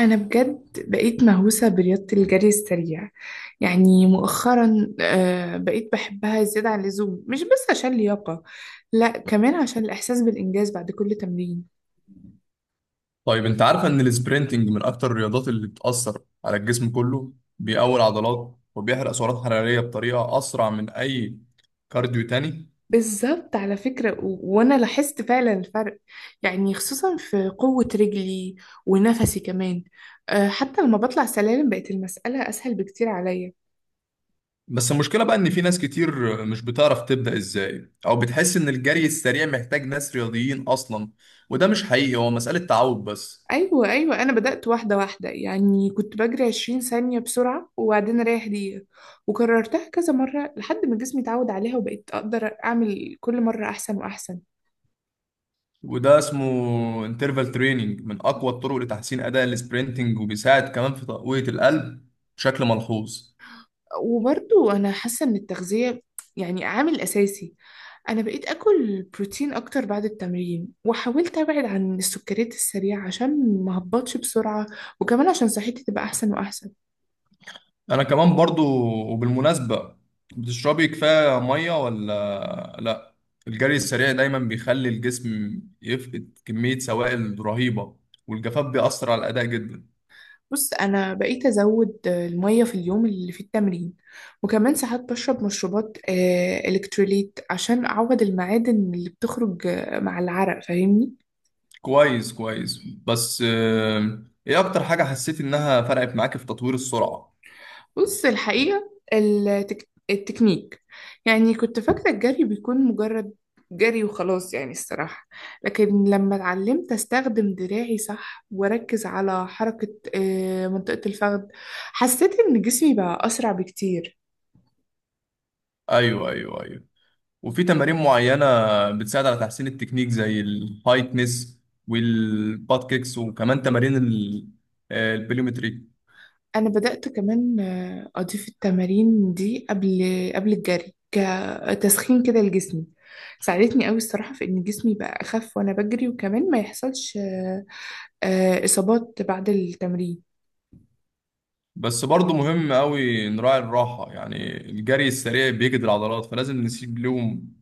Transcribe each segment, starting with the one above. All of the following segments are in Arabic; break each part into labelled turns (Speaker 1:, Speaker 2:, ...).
Speaker 1: أنا بجد بقيت مهووسة برياضة الجري السريع. يعني مؤخرا بقيت بحبها زيادة عن اللزوم، مش بس عشان لياقة، لا، كمان عشان الإحساس بالإنجاز بعد كل تمرين.
Speaker 2: طيب انت عارف ان السبرنتنج من اكتر الرياضات اللي بتأثر على الجسم كله. بيقوي العضلات وبيحرق سعرات حرارية بطريقة اسرع من اي كارديو تاني.
Speaker 1: بالظبط على فكرة، و... وأنا لاحظت فعلا الفرق، يعني خصوصا في قوة رجلي ونفسي كمان. حتى لما بطلع سلالم بقت المسألة أسهل بكتير عليا.
Speaker 2: بس المشكلة بقى ان في ناس كتير مش بتعرف تبدأ ازاي او بتحس ان الجري السريع محتاج ناس رياضيين اصلا، وده مش حقيقي، هو مسألة تعود بس.
Speaker 1: ايوه انا بدأت واحده واحده، يعني كنت بجري 20 ثانيه بسرعه وبعدين اريح دقيقه، وكررتها كذا مره لحد ما جسمي اتعود عليها وبقيت اقدر اعمل كل مره احسن واحسن.
Speaker 2: وده اسمه انترفال تريننج، من اقوى الطرق لتحسين اداء السبرنتنج وبيساعد كمان في تقوية القلب بشكل ملحوظ.
Speaker 1: وبرضو انا حاسه ان التغذيه يعني عامل اساسي. انا بقيت اكل بروتين اكتر بعد التمرين وحاولت ابعد عن السكريات السريعه عشان ما هبطش بسرعه، وكمان عشان صحتي تبقى احسن واحسن.
Speaker 2: انا كمان برضو. وبالمناسبة، بتشربي كفاية مية ولا لا؟ الجري السريع دايما بيخلي الجسم يفقد كمية سوائل رهيبة، والجفاف بيأثر على الأداء جدا.
Speaker 1: بص، انا بقيت ازود الميه في اليوم اللي في التمرين، وكمان ساعات بشرب مشروبات الكتروليت عشان اعوض المعادن اللي بتخرج مع العرق، فاهمني؟
Speaker 2: كويس كويس، بس ايه اكتر حاجة حسيت انها فرقت معاك في تطوير السرعة؟
Speaker 1: بص، الحقيقه التكنيك، يعني كنت فاكره الجري بيكون مجرد جري وخلاص يعني الصراحه، لكن لما اتعلمت استخدم دراعي صح واركز على حركه منطقه الفخذ، حسيت ان جسمي بقى اسرع بكتير.
Speaker 2: ايوه ايوه ايوه. وفي تمارين معينة بتساعد على تحسين التكنيك زي الهايتنس والباد كيكس، وكمان تمارين البليومتريك.
Speaker 1: انا بدأت كمان اضيف التمارين دي قبل الجري كتسخين كده لجسمي. ساعدتني قوي الصراحة في ان جسمي بقى اخف وانا بجري، وكمان ما يحصلش اصابات بعد التمرين.
Speaker 2: بس برضه مهم قوي نراعي الراحة، يعني الجري السريع بيجهد العضلات، فلازم نسيب لهم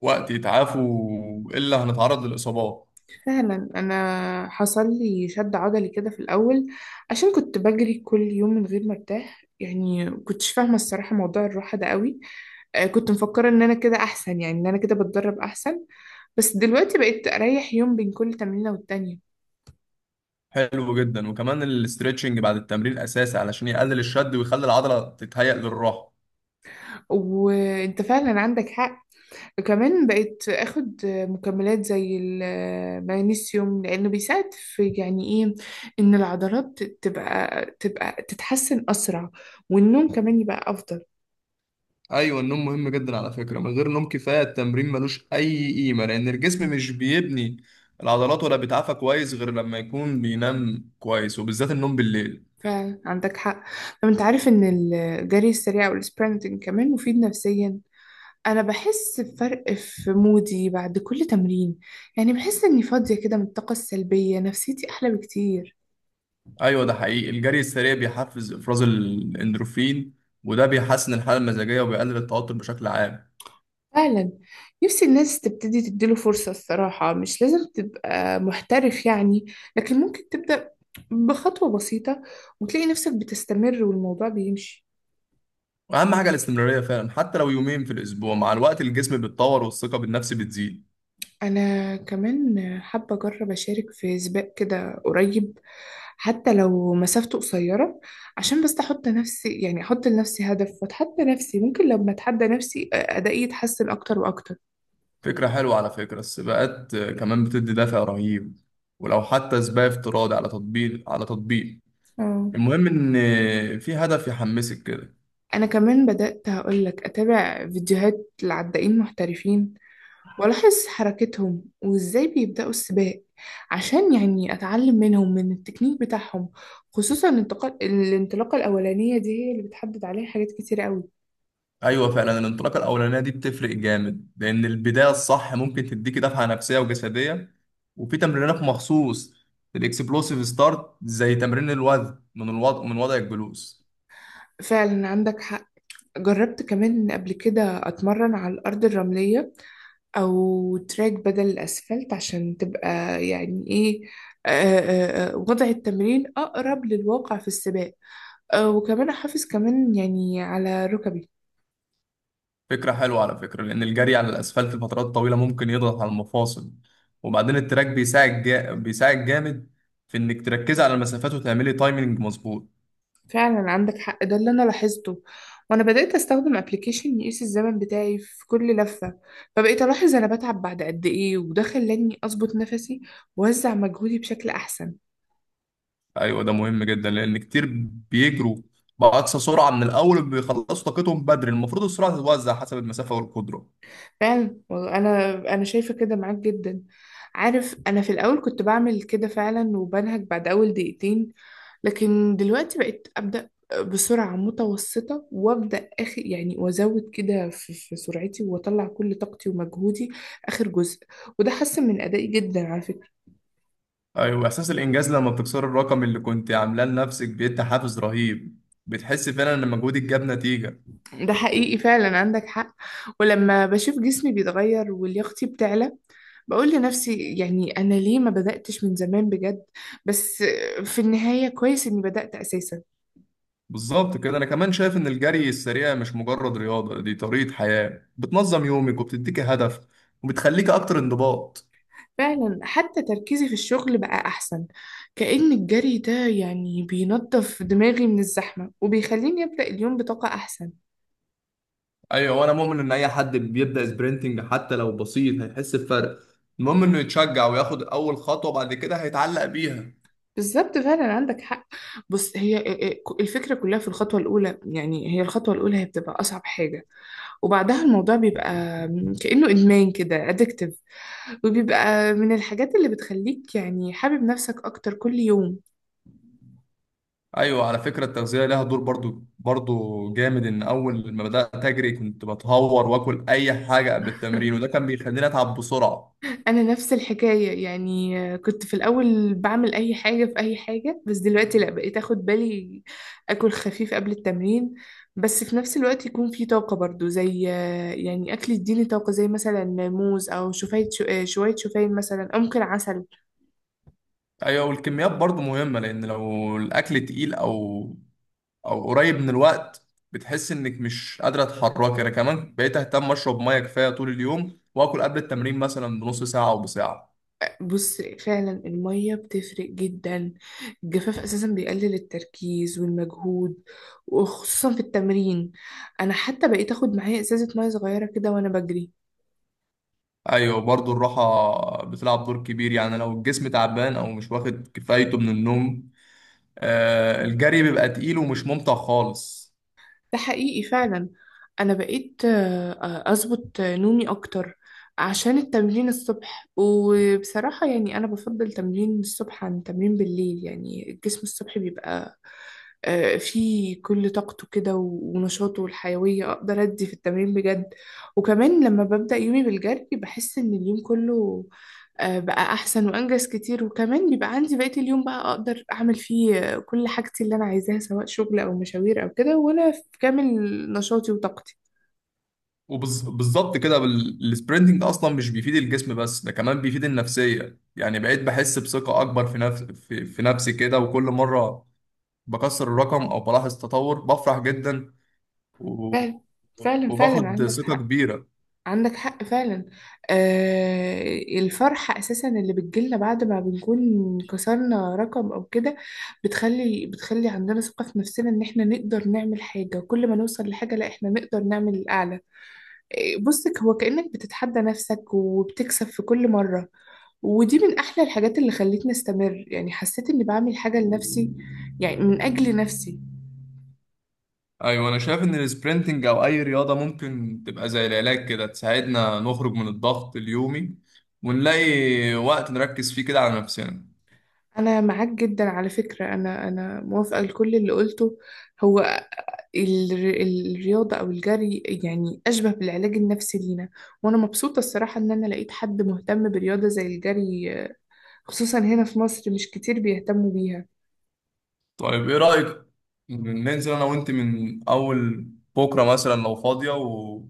Speaker 2: وقت يتعافوا إلا هنتعرض للإصابات.
Speaker 1: فعلا، انا حصل لي شد عضلي كده في الاول عشان كنت بجري كل يوم من غير ما ارتاح، يعني كنتش فاهمة الصراحة موضوع الراحة ده قوي. كنت مفكرة ان انا كده احسن، يعني ان انا كده بتدرب احسن، بس دلوقتي بقيت اريح يوم بين كل تمرينة والتانية.
Speaker 2: حلو جدا، وكمان الاسترتشنج بعد التمرين أساسي علشان يقلل الشد ويخلي العضلة تتهيأ للراحة.
Speaker 1: وانت فعلا عندك حق، كمان بقيت اخد مكملات زي المغنيسيوم لانه بيساعد في يعني ايه، ان العضلات تبقى تتحسن اسرع والنوم كمان يبقى افضل.
Speaker 2: أيوة، النوم مهم جدا على فكرة. من غير نوم كفاية التمرين ملوش أي قيمة، لأن الجسم مش بيبني العضلات ولا بيتعافى كويس غير لما يكون بينام كويس، وبالذات النوم بالليل.
Speaker 1: فعلا عندك حق. طب انت عارف ان الجري السريع والسبرنتنج كمان مفيد نفسيا؟ انا بحس بفرق في مودي بعد كل تمرين، يعني بحس اني فاضية كده من الطاقة السلبية، نفسيتي احلى بكتير.
Speaker 2: ايوه، ده حقيقي. الجري السريع بيحفز افراز الاندروفين، وده بيحسن الحاله المزاجيه وبيقلل التوتر بشكل عام.
Speaker 1: فعلا، نفسي الناس تبتدي تديله فرصة الصراحة، مش لازم تبقى محترف يعني، لكن ممكن تبدأ بخطوة بسيطة وتلاقي نفسك بتستمر والموضوع بيمشي.
Speaker 2: واهم حاجه الاستمراريه فعلا، حتى لو يومين في الاسبوع. مع الوقت الجسم بيتطور والثقه بالنفس بتزيد.
Speaker 1: أنا كمان حابة أجرب أشارك في سباق كده قريب، حتى لو مسافته قصيرة، عشان بس أحط نفسي، يعني أحط لنفسي هدف وأتحدى نفسي، ممكن لما أتحدى نفسي أدائي يتحسن أكتر وأكتر.
Speaker 2: فكره حلوه على فكره، السباقات كمان بتدي دافع رهيب، ولو حتى سباق افتراضي على تطبيق.
Speaker 1: اه.
Speaker 2: المهم ان في هدف يحمسك كده.
Speaker 1: أنا كمان بدأت هقولك أتابع فيديوهات لعدائين محترفين وألاحظ حركتهم وإزاي بيبدأوا السباق، عشان يعني أتعلم منهم من التكنيك بتاعهم، خصوصا الانتقال، الانطلاقة الأولانية دي هي اللي بتحدد عليها حاجات كتير قوي.
Speaker 2: ايوه فعلا، الانطلاقه الاولانيه دي بتفرق جامد، لان البدايه الصح ممكن تديكي دفعه نفسيه وجسديه. وفي تمرينات مخصوص للاكسبلوسيف ستارت، زي تمرين الوزن من وضع الجلوس.
Speaker 1: فعلا عندك حق. جربت كمان قبل كده أتمرن على الأرض الرملية أو تراك بدل الأسفلت عشان تبقى يعني إيه، آه، وضع التمرين أقرب للواقع في السباق، وكمان أحافظ كمان يعني على ركبي.
Speaker 2: فكره حلوه على فكره، لان الجري على الاسفلت لفترات طويله ممكن يضغط على المفاصل. وبعدين التراك بيساعد جامد في انك تركزي على المسافات وتعملي تايمنج مظبوط.
Speaker 1: فعلا عندك حق، ده اللي انا لاحظته. وانا بدأت استخدم ابلكيشن يقيس الزمن بتاعي في كل لفة، فبقيت الاحظ انا بتعب بعد قد ايه، وده خلاني اظبط نفسي واوزع مجهودي بشكل احسن.
Speaker 2: ايوه، ده مهم جدا، لان كتير بيجروا باقصى سرعه من الاول، بيخلصوا طاقتهم بدري. المفروض السرعه تتوزع حسب المسافه والقدره.
Speaker 1: فعلا والله، انا شايفه كده معاك جدا. عارف، انا في الاول كنت بعمل كده فعلا وبنهج بعد اول دقيقتين، لكن دلوقتي بقيت ابدا بسرعه متوسطه، وابدا اخر يعني وازود كده في سرعتي واطلع كل طاقتي ومجهودي اخر جزء، وده حسن من ادائي جدا على فكره.
Speaker 2: ايوه، احساس الانجاز لما بتكسر الرقم اللي كنت عاملاه لنفسك بيدي حافز رهيب. بتحس فعلا ان مجهودك جاب نتيجه.
Speaker 1: ده حقيقي، فعلا عندك حق. ولما بشوف جسمي بيتغير ولياقتي بتعلى، بقول لنفسي يعني أنا ليه ما بدأتش من زمان بجد؟ بس في النهاية كويس إني بدأت أساسا.
Speaker 2: بالظبط كده. انا كمان شايف ان الجري السريع مش مجرد رياضه، دي طريقه حياه، بتنظم يومك وبتديك هدف وبتخليك اكتر انضباط.
Speaker 1: فعلا، حتى تركيزي في الشغل بقى أحسن، كأن الجري ده يعني بينظف دماغي من الزحمة وبيخليني أبدأ اليوم بطاقة أحسن.
Speaker 2: ايوه، وانا مؤمن ان اي حد بيبدا سبرنتنج حتى لو بسيط هيحس بفرق. المهم انه يتشجع وياخد اول خطوه، بعد كده هيتعلق بيها.
Speaker 1: بالظبط، فعلا عندك حق. بص، هي الفكرة كلها في الخطوة الأولى، يعني هي الخطوة الأولى هي بتبقى أصعب حاجة، وبعدها الموضوع بيبقى كأنه إدمان كده addictive، وبيبقى من الحاجات اللي بتخليك يعني حابب نفسك أكتر كل يوم.
Speaker 2: ايوه، على فكره التغذيه لها دور برضو برضو جامد. ان اول ما بدات اجري كنت بتهور واكل اي حاجه قبل التمرين، وده كان بيخليني اتعب بسرعه.
Speaker 1: أنا نفس الحكاية، يعني كنت في الأول بعمل أي حاجة في أي حاجة، بس دلوقتي لأ، بقيت أخد بالي. أكل خفيف قبل التمرين بس في نفس الوقت يكون في طاقة برضو، زي يعني أكل يديني طاقة زي مثلا موز أو شوفان، شوية شوفان مثلا، أو ممكن عسل.
Speaker 2: ايوه، والكميات برضو مهمه، لان لو الاكل تقيل او قريب من الوقت بتحس انك مش قادره تتحركي. انا كمان بقيت اهتم اشرب ميه كفايه طول اليوم، واكل قبل التمرين مثلا بنص ساعه او بساعه.
Speaker 1: بص، فعلا المية بتفرق جدا، الجفاف أساسا بيقلل التركيز والمجهود، وخصوصا في التمرين. أنا حتى بقيت أخد معايا إزازة مية صغيرة كده وأنا بجري.
Speaker 2: ايوه، برضو الراحه بتلعب دور كبير، يعني لو الجسم تعبان او مش واخد كفايته من النوم الجري بيبقى تقيل ومش ممتع خالص.
Speaker 1: ده حقيقي فعلا. أنا بقيت أظبط نومي أكتر عشان التمرين الصبح. وبصراحة يعني أنا بفضل تمرين الصبح عن تمرين بالليل، يعني الجسم الصبح بيبقى فيه كل طاقته كده و- ونشاطه والحيوية، أقدر أدي في التمرين بجد. وكمان لما ببدأ يومي بالجري بحس إن اليوم كله بقى أحسن وأنجز كتير، وكمان بيبقى عندي بقية اليوم بقى أقدر أعمل فيه كل حاجتي اللي أنا عايزاها، سواء شغل أو مشاوير أو كده، وأنا في كامل نشاطي وطاقتي.
Speaker 2: وبالظبط كده، السبرنتنج اصلا مش بيفيد الجسم بس، ده كمان بيفيد النفسيه. يعني بقيت بحس بثقه اكبر في نفسي كده، وكل مره بكسر الرقم او بلاحظ تطور بفرح جدا و-
Speaker 1: فعلا فعلا
Speaker 2: وباخد
Speaker 1: عندك
Speaker 2: ثقه
Speaker 1: حق.
Speaker 2: كبيره.
Speaker 1: عندك حق فعلا. آه، الفرحة أساسا اللي بتجيلنا بعد ما بنكون كسرنا رقم أو كده بتخلي عندنا ثقة في نفسنا إن إحنا نقدر نعمل حاجة، وكل ما نوصل لحاجة لا إحنا نقدر نعمل الأعلى. بصك، هو كأنك بتتحدى نفسك وبتكسب في كل مرة، ودي من أحلى الحاجات اللي خلتني أستمر، يعني حسيت إني بعمل حاجة لنفسي، يعني من أجل نفسي.
Speaker 2: ايوه انا شايف ان السبرنتنج او اي رياضه ممكن تبقى زي العلاج كده، تساعدنا نخرج من الضغط اليومي ونلاقي وقت نركز فيه كده على نفسنا.
Speaker 1: انا معاك جدا على فكرة، انا موافقة لكل اللي قلته. هو ال- الرياضة او الجري يعني اشبه بالعلاج النفسي لينا، وانا مبسوطة الصراحة ان انا لقيت حد مهتم برياضة زي الجري، خصوصا هنا في مصر مش كتير بيهتموا بيها.
Speaker 2: طيب ايه رايك ننزل انا وانت من اول بكره مثلا لو فاضيه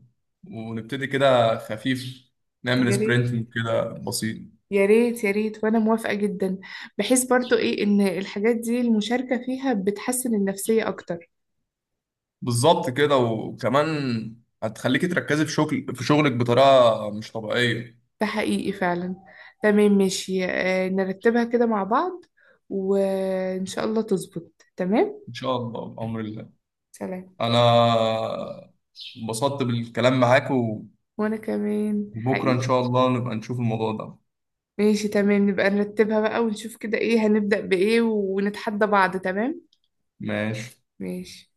Speaker 2: ونبتدي كده خفيف، نعمل
Speaker 1: يا ريت
Speaker 2: سبرنتنج كده بسيط.
Speaker 1: يا ريت يا ريت، وانا موافقة جدا، بحيث برضو ايه ان الحاجات دي المشاركة فيها بتحسن النفسية اكتر.
Speaker 2: بالظبط كده، وكمان هتخليكي تركزي في شغلك بطريقه مش طبيعيه.
Speaker 1: ده حقيقي فعلا. تمام، ماشي، نرتبها كده مع بعض وإن شاء الله تظبط تمام.
Speaker 2: ان شاء الله بامر الله.
Speaker 1: سلام.
Speaker 2: انا انبسطت بالكلام معاك،
Speaker 1: وأنا كمان
Speaker 2: وبكره ان
Speaker 1: حقيقي.
Speaker 2: شاء الله نبقى نشوف الموضوع ده.
Speaker 1: ماشي تمام، نبقى نرتبها بقى ونشوف كده إيه هنبدأ بإيه، ونتحدى بعض. تمام.
Speaker 2: ماشي.
Speaker 1: ماشي.